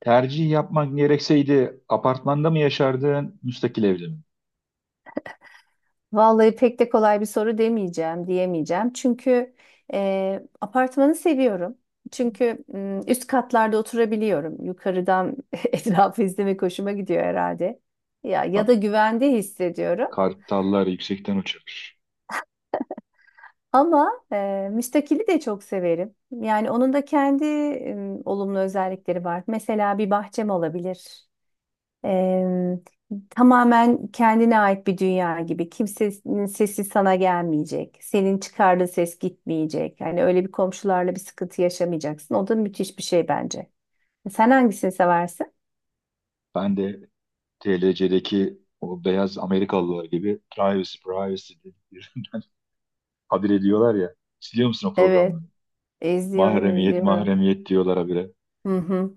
Tercih yapmak gerekseydi apartmanda mı yaşardın, müstakil evde mi? Vallahi pek de kolay bir soru diyemeyeceğim. Çünkü apartmanı seviyorum. Çünkü üst katlarda oturabiliyorum. Yukarıdan etrafı izlemek hoşuma gidiyor herhalde. Ya Bak, da güvende hissediyorum. kartallar yüksekten uçar. Ama müstakili de çok severim. Yani onun da kendi olumlu özellikleri var. Mesela bir bahçem olabilir. Eee, tamamen kendine ait bir dünya gibi. Kimsenin sesi sana gelmeyecek. Senin çıkardığın ses gitmeyecek. Yani öyle bir komşularla bir sıkıntı yaşamayacaksın. O da müthiş bir şey bence. Sen hangisini seversin? Ben de TLC'deki o beyaz Amerikalılar gibi privacy, privacy diye bir habire diyorlar ya. Siliyor musun o Evet, programları? izliyorum, Mahremiyet, izliyorum. mahremiyet diyorlar habire. Hı hı.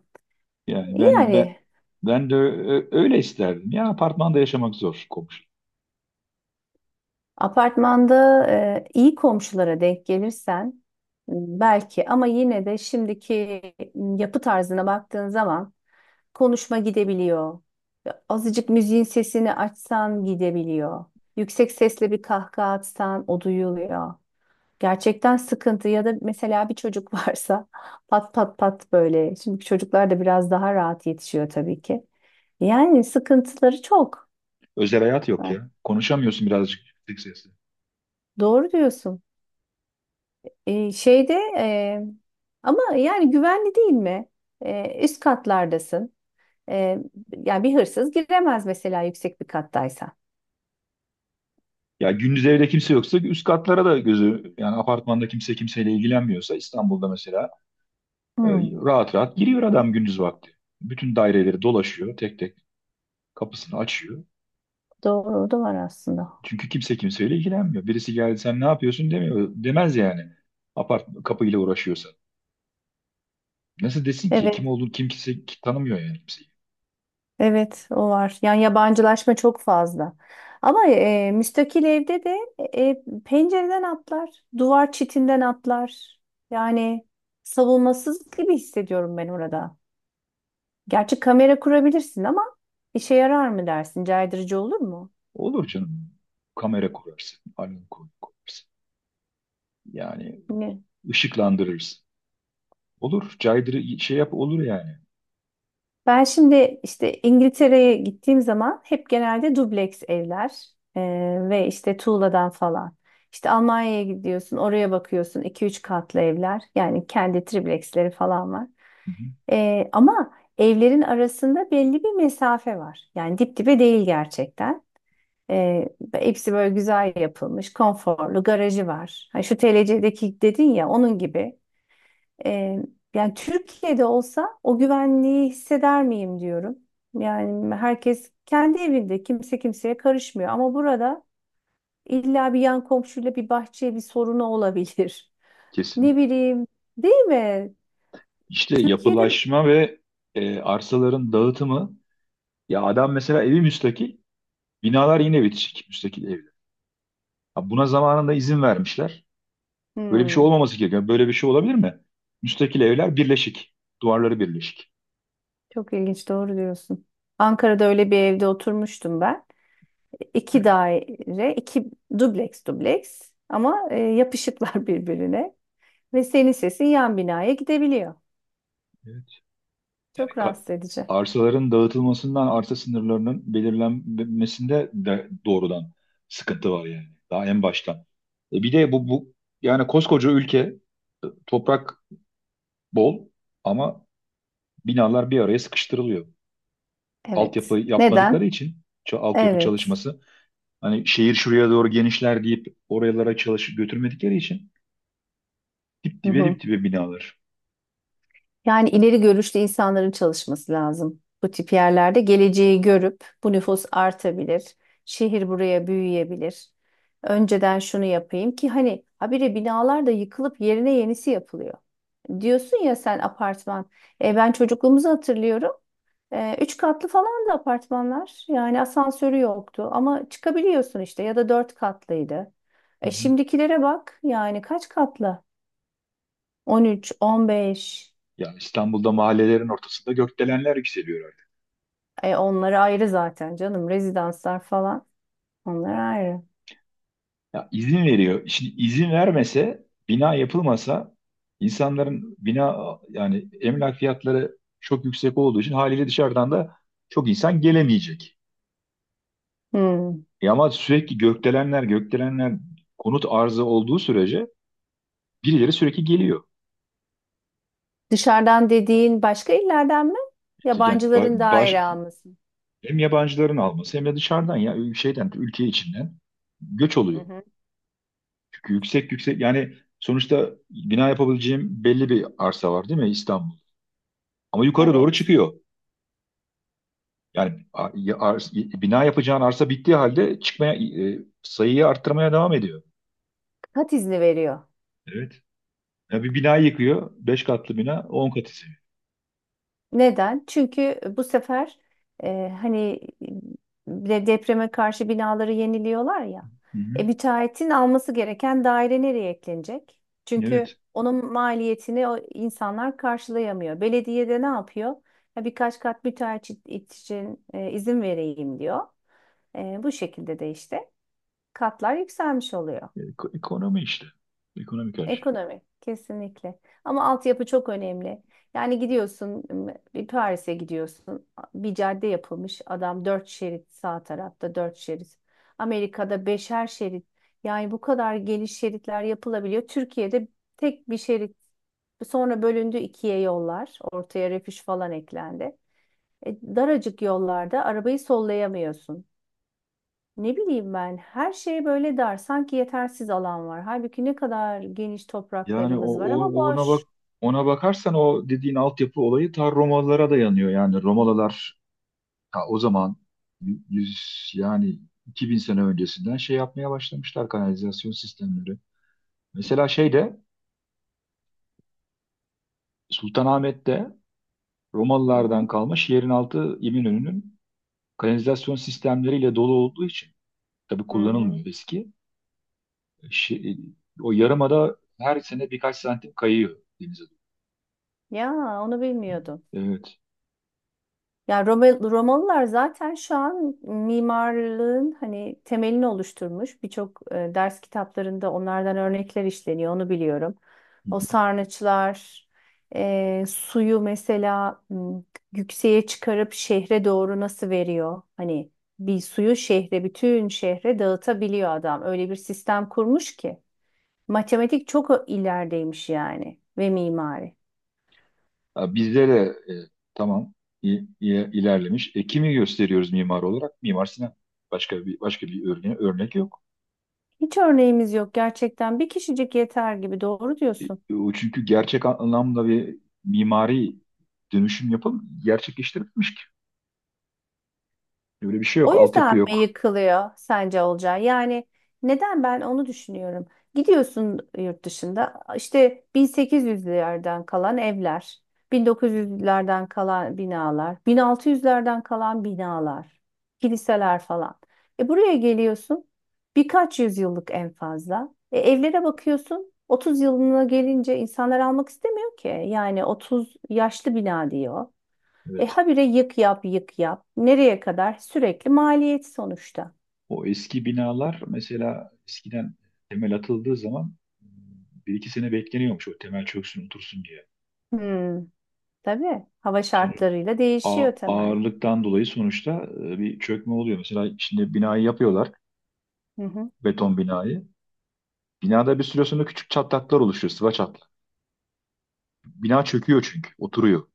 Yani ben ben Yani ben de ö- öyle isterdim. Ya apartmanda yaşamak zor komşu. apartmanda iyi komşulara denk gelirsen belki ama yine de şimdiki yapı tarzına baktığın zaman konuşma gidebiliyor. Ya, azıcık müziğin sesini açsan gidebiliyor. Yüksek sesle bir kahkaha atsan o duyuluyor. Gerçekten sıkıntı ya da mesela bir çocuk varsa pat pat pat böyle. Şimdi çocuklar da biraz daha rahat yetişiyor tabii ki. Yani sıkıntıları çok. Özel hayat yok Ha, ya. Konuşamıyorsun birazcık yüksek sesle. doğru diyorsun. Şeyde e, ama yani güvenli değil mi? Üst katlardasın. Ee, yani bir hırsız giremez mesela yüksek bir kattaysan. Ya gündüz evde kimse yoksa üst katlara da gözü, yani apartmanda kimse kimseyle ilgilenmiyorsa İstanbul'da mesela, e, Hmm. rahat rahat giriyor adam gündüz vakti. Bütün daireleri dolaşıyor, tek tek kapısını açıyor. Doğru, o da var aslında. Çünkü kimse kimseyle ilgilenmiyor. Birisi geldi, sen ne yapıyorsun demiyor, demez yani. Apart kapıyla uğraşıyorsa. Nasıl desin ki kim Evet, olduğunu kimse tanımıyor yani, kimseyi. evet o var. Yani yabancılaşma çok fazla. Ama müstakil evde de pencereden atlar, duvar çitinden atlar. Yani savunmasız gibi hissediyorum ben orada. Gerçi kamera kurabilirsin ama işe yarar mı dersin? Caydırıcı olur mu? Olur canım. Kamera kurarsın, alarm kurarsın. Yani Ne? ışıklandırırsın. Olur, caydırı şey yap, olur yani. Ben şimdi işte İngiltere'ye gittiğim zaman hep genelde dubleks evler ve işte tuğladan falan. İşte Almanya'ya gidiyorsun, oraya bakıyorsun iki üç katlı evler. Yani kendi tripleksleri falan var. Hı hı. Ama evlerin arasında belli bir mesafe var. Yani dip dibe değil gerçekten. Hepsi böyle güzel yapılmış, konforlu, garajı var. Ha, şu TLC'deki dedin ya onun gibi. Ee, yani Türkiye'de olsa o güvenliği hisseder miyim diyorum. Yani herkes kendi evinde kimse kimseye karışmıyor ama burada illa bir yan komşuyla bir bahçeye bir sorunu olabilir. Ne Kesinlikle. bileyim, değil mi? İşte Türkiye'de. yapılaşma ve arsaların dağıtımı. Ya adam mesela evi müstakil, binalar yine bitişik müstakil evler. Ha, buna zamanında izin vermişler. Böyle bir şey Hmm, olmaması gerekiyor. Böyle bir şey olabilir mi? Müstakil evler birleşik. Duvarları birleşik. çok ilginç, doğru diyorsun. Ankara'da öyle bir evde oturmuştum ben. İki daire, iki dubleks dubleks ama yapışıklar birbirine ve senin sesin yan binaya gidebiliyor. Evet. Yani Çok rahatsız edici. arsaların dağıtılmasından, arsa sınırlarının belirlenmesinde de doğrudan sıkıntı var yani. Daha en baştan. E bir de bu yani koskoca ülke, toprak bol, ama binalar bir araya sıkıştırılıyor. Altyapı Evet. Neden? yapmadıkları için, altyapı Evet. çalışması, hani şehir şuraya doğru genişler deyip oralara çalış götürmedikleri için dip Hı dibe hı. dip dibe binalar. Yani ileri görüşlü insanların çalışması lazım. Bu tip yerlerde geleceği görüp bu nüfus artabilir. Şehir buraya büyüyebilir. Önceden şunu yapayım ki hani habire binalar da yıkılıp yerine yenisi yapılıyor. Diyorsun ya sen apartman. E, ben çocukluğumuzu hatırlıyorum. E, üç katlı falan da apartmanlar. Yani asansörü yoktu ama çıkabiliyorsun işte ya da dört katlıydı. Hı E, hı. şimdikilere bak yani kaç katlı? 13, 15. Ya İstanbul'da mahallelerin ortasında gökdelenler yükseliyor artık. E, onları ayrı zaten canım. Rezidanslar falan. Onlar ayrı. Ya izin veriyor. Şimdi izin vermese, bina yapılmasa, insanların bina, yani emlak fiyatları çok yüksek olduğu için, haliyle dışarıdan da çok insan gelemeyecek. Hmm. E ama sürekli gökdelenler gökdelenler, konut arzı olduğu sürece birileri sürekli geliyor. Dışarıdan dediğin başka illerden mi? Yani Yabancıların daire alması. hem yabancıların alması, hem de dışarıdan, ya şeyden, ülke içinden göç Hı oluyor. hı. Çünkü yüksek yüksek, yani sonuçta bina yapabileceğim belli bir arsa var değil mi İstanbul? Ama yukarı doğru Evet. çıkıyor. Yani bina yapacağın arsa bittiği halde, çıkmaya, sayıyı arttırmaya devam ediyor. Kat izni veriyor. Evet. Ya bir bina yıkıyor, 5 katlı bina 10 katı seviyor. Neden? Çünkü bu sefer hani depreme karşı binaları yeniliyorlar ya. Hı hı. E, müteahhitin alması gereken daire nereye eklenecek? Çünkü Evet. onun maliyetini o insanlar karşılayamıyor. Belediye de ne yapıyor? Ya birkaç kat müteahhit için izin vereyim diyor. E, bu şekilde de işte katlar yükselmiş oluyor. E- Ekonomi işte. Ekonomik her şey. Ekonomi kesinlikle. Ama altyapı çok önemli. Yani gidiyorsun bir Paris'e gidiyorsun. Bir cadde yapılmış. Adam dört şerit, sağ tarafta dört şerit. Amerika'da beşer şerit. Yani bu kadar geniş şeritler yapılabiliyor. Türkiye'de tek bir şerit. Sonra bölündü ikiye yollar. Ortaya refüj falan eklendi. E, daracık yollarda arabayı sollayamıyorsun. Ne bileyim ben, her şey böyle dar, sanki yetersiz alan var. Halbuki ne kadar geniş Yani topraklarımız var ama boş. Ona bakarsan o dediğin altyapı olayı ta Romalılara dayanıyor. Yani Romalılar ta o zaman yüz yani 2000 sene öncesinden şey yapmaya başlamışlar, kanalizasyon sistemleri. Mesela Sultanahmet'te, Hı Romalılardan hı, kalma şehrin altı, İminönü'nün kanalizasyon sistemleriyle dolu olduğu için, tabii hı hı. kullanılmıyor eski. Şi- O yarımada her sene birkaç santim kayıyor denize. Ya onu bilmiyordum. Evet. Ya Romalılar zaten şu an mimarlığın hani temelini oluşturmuş. Birçok ders kitaplarında onlardan örnekler işleniyor, onu biliyorum. O sarnıçlar, suyu mesela yükseğe çıkarıp şehre doğru nasıl veriyor? Hani bir suyu şehre, bütün şehre dağıtabiliyor adam. Öyle bir sistem kurmuş ki. Matematik çok ilerideymiş yani, ve mimari. Ha, bizde de, e, tamam, ilerlemiş. Kimi gösteriyoruz mimar olarak? Mimar Sinan. Başka bir örnek yok. Hiç örneğimiz yok gerçekten. Bir kişicik yeter gibi, doğru E, diyorsun. e, O çünkü gerçek anlamda bir mimari dönüşüm yapım gerçekleştirilmiş ki. Öyle bir şey O yok, altyapı yüzden mi yok. yıkılıyor sence Olcay? Yani neden, ben onu düşünüyorum. Gidiyorsun yurt dışında işte 1800'lerden kalan evler, 1900'lerden kalan binalar, 1600'lerden kalan binalar, kiliseler falan. E buraya geliyorsun, birkaç yüzyıllık en fazla. E evlere bakıyorsun, 30 yılına gelince insanlar almak istemiyor ki. Yani 30 yaşlı bina diyor. E Evet. habire yık yap, yık yap. Nereye kadar? Sürekli maliyet sonuçta. O eski binalar mesela eskiden temel atıldığı zaman bir iki sene bekleniyormuş, o temel çöksün otursun diye. Hmm, tabii. Hava Sonra şartlarıyla değişiyor temel. ağırlıktan dolayı sonuçta, bir çökme oluyor. Mesela şimdi binayı yapıyorlar, Hı hı, beton binayı. Binada bir süre sonra küçük çatlaklar oluşuyor, sıva çatlak. Bina çöküyor çünkü, oturuyor.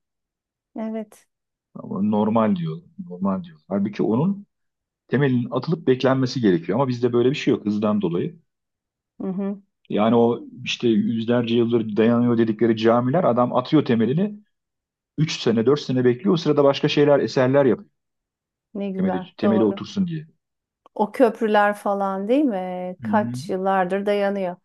evet. Ama normal diyor, normal diyor. Halbuki onun temelinin atılıp beklenmesi gerekiyor. Ama bizde böyle bir şey yok, hızdan dolayı. Hı hı, Yani o işte yüzlerce yıldır dayanıyor dedikleri camiler, adam atıyor temelini, 3 sene, 4 sene bekliyor. O sırada başka şeyler, eserler yapıyor. ne güzel. Temeli, temeli Doğru. otursun diye. O köprüler falan, değil mi? Hı hı. Kaç yıllardır dayanıyor.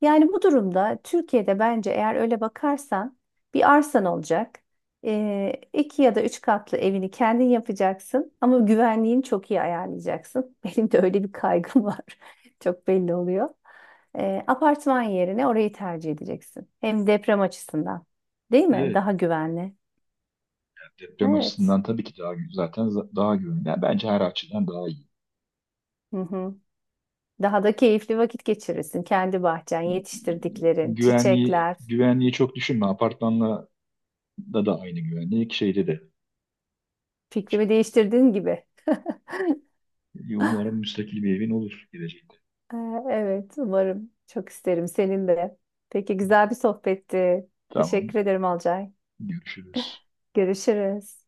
Yani bu durumda Türkiye'de bence, eğer öyle bakarsan bir arsan olacak. İki ya da üç katlı evini kendin yapacaksın ama güvenliğini çok iyi ayarlayacaksın. Benim de öyle bir kaygım var. Çok belli oluyor. Apartman yerine orayı tercih edeceksin. Hem deprem açısından. Değil mi? Evet. Daha güvenli. Deprem Evet. açısından tabii ki daha zaten daha güvenli. Yani bence her açıdan daha iyi. Hı hı. Daha da keyifli vakit geçirirsin. Kendi bahçen, yetiştirdiklerin, Güvenliği çiçekler. güvenliği çok düşünme. Apartmanla da aynı güvenlik, şeyde de. Fikrimi değiştirdiğin gibi. Umarım müstakil bir evin olur geleceğinde. Ee, Evet, umarım. Çok isterim senin de. Peki, güzel bir sohbetti. Teşekkür Tamam. ederim Alcay. Görüşürüz. Görüşürüz.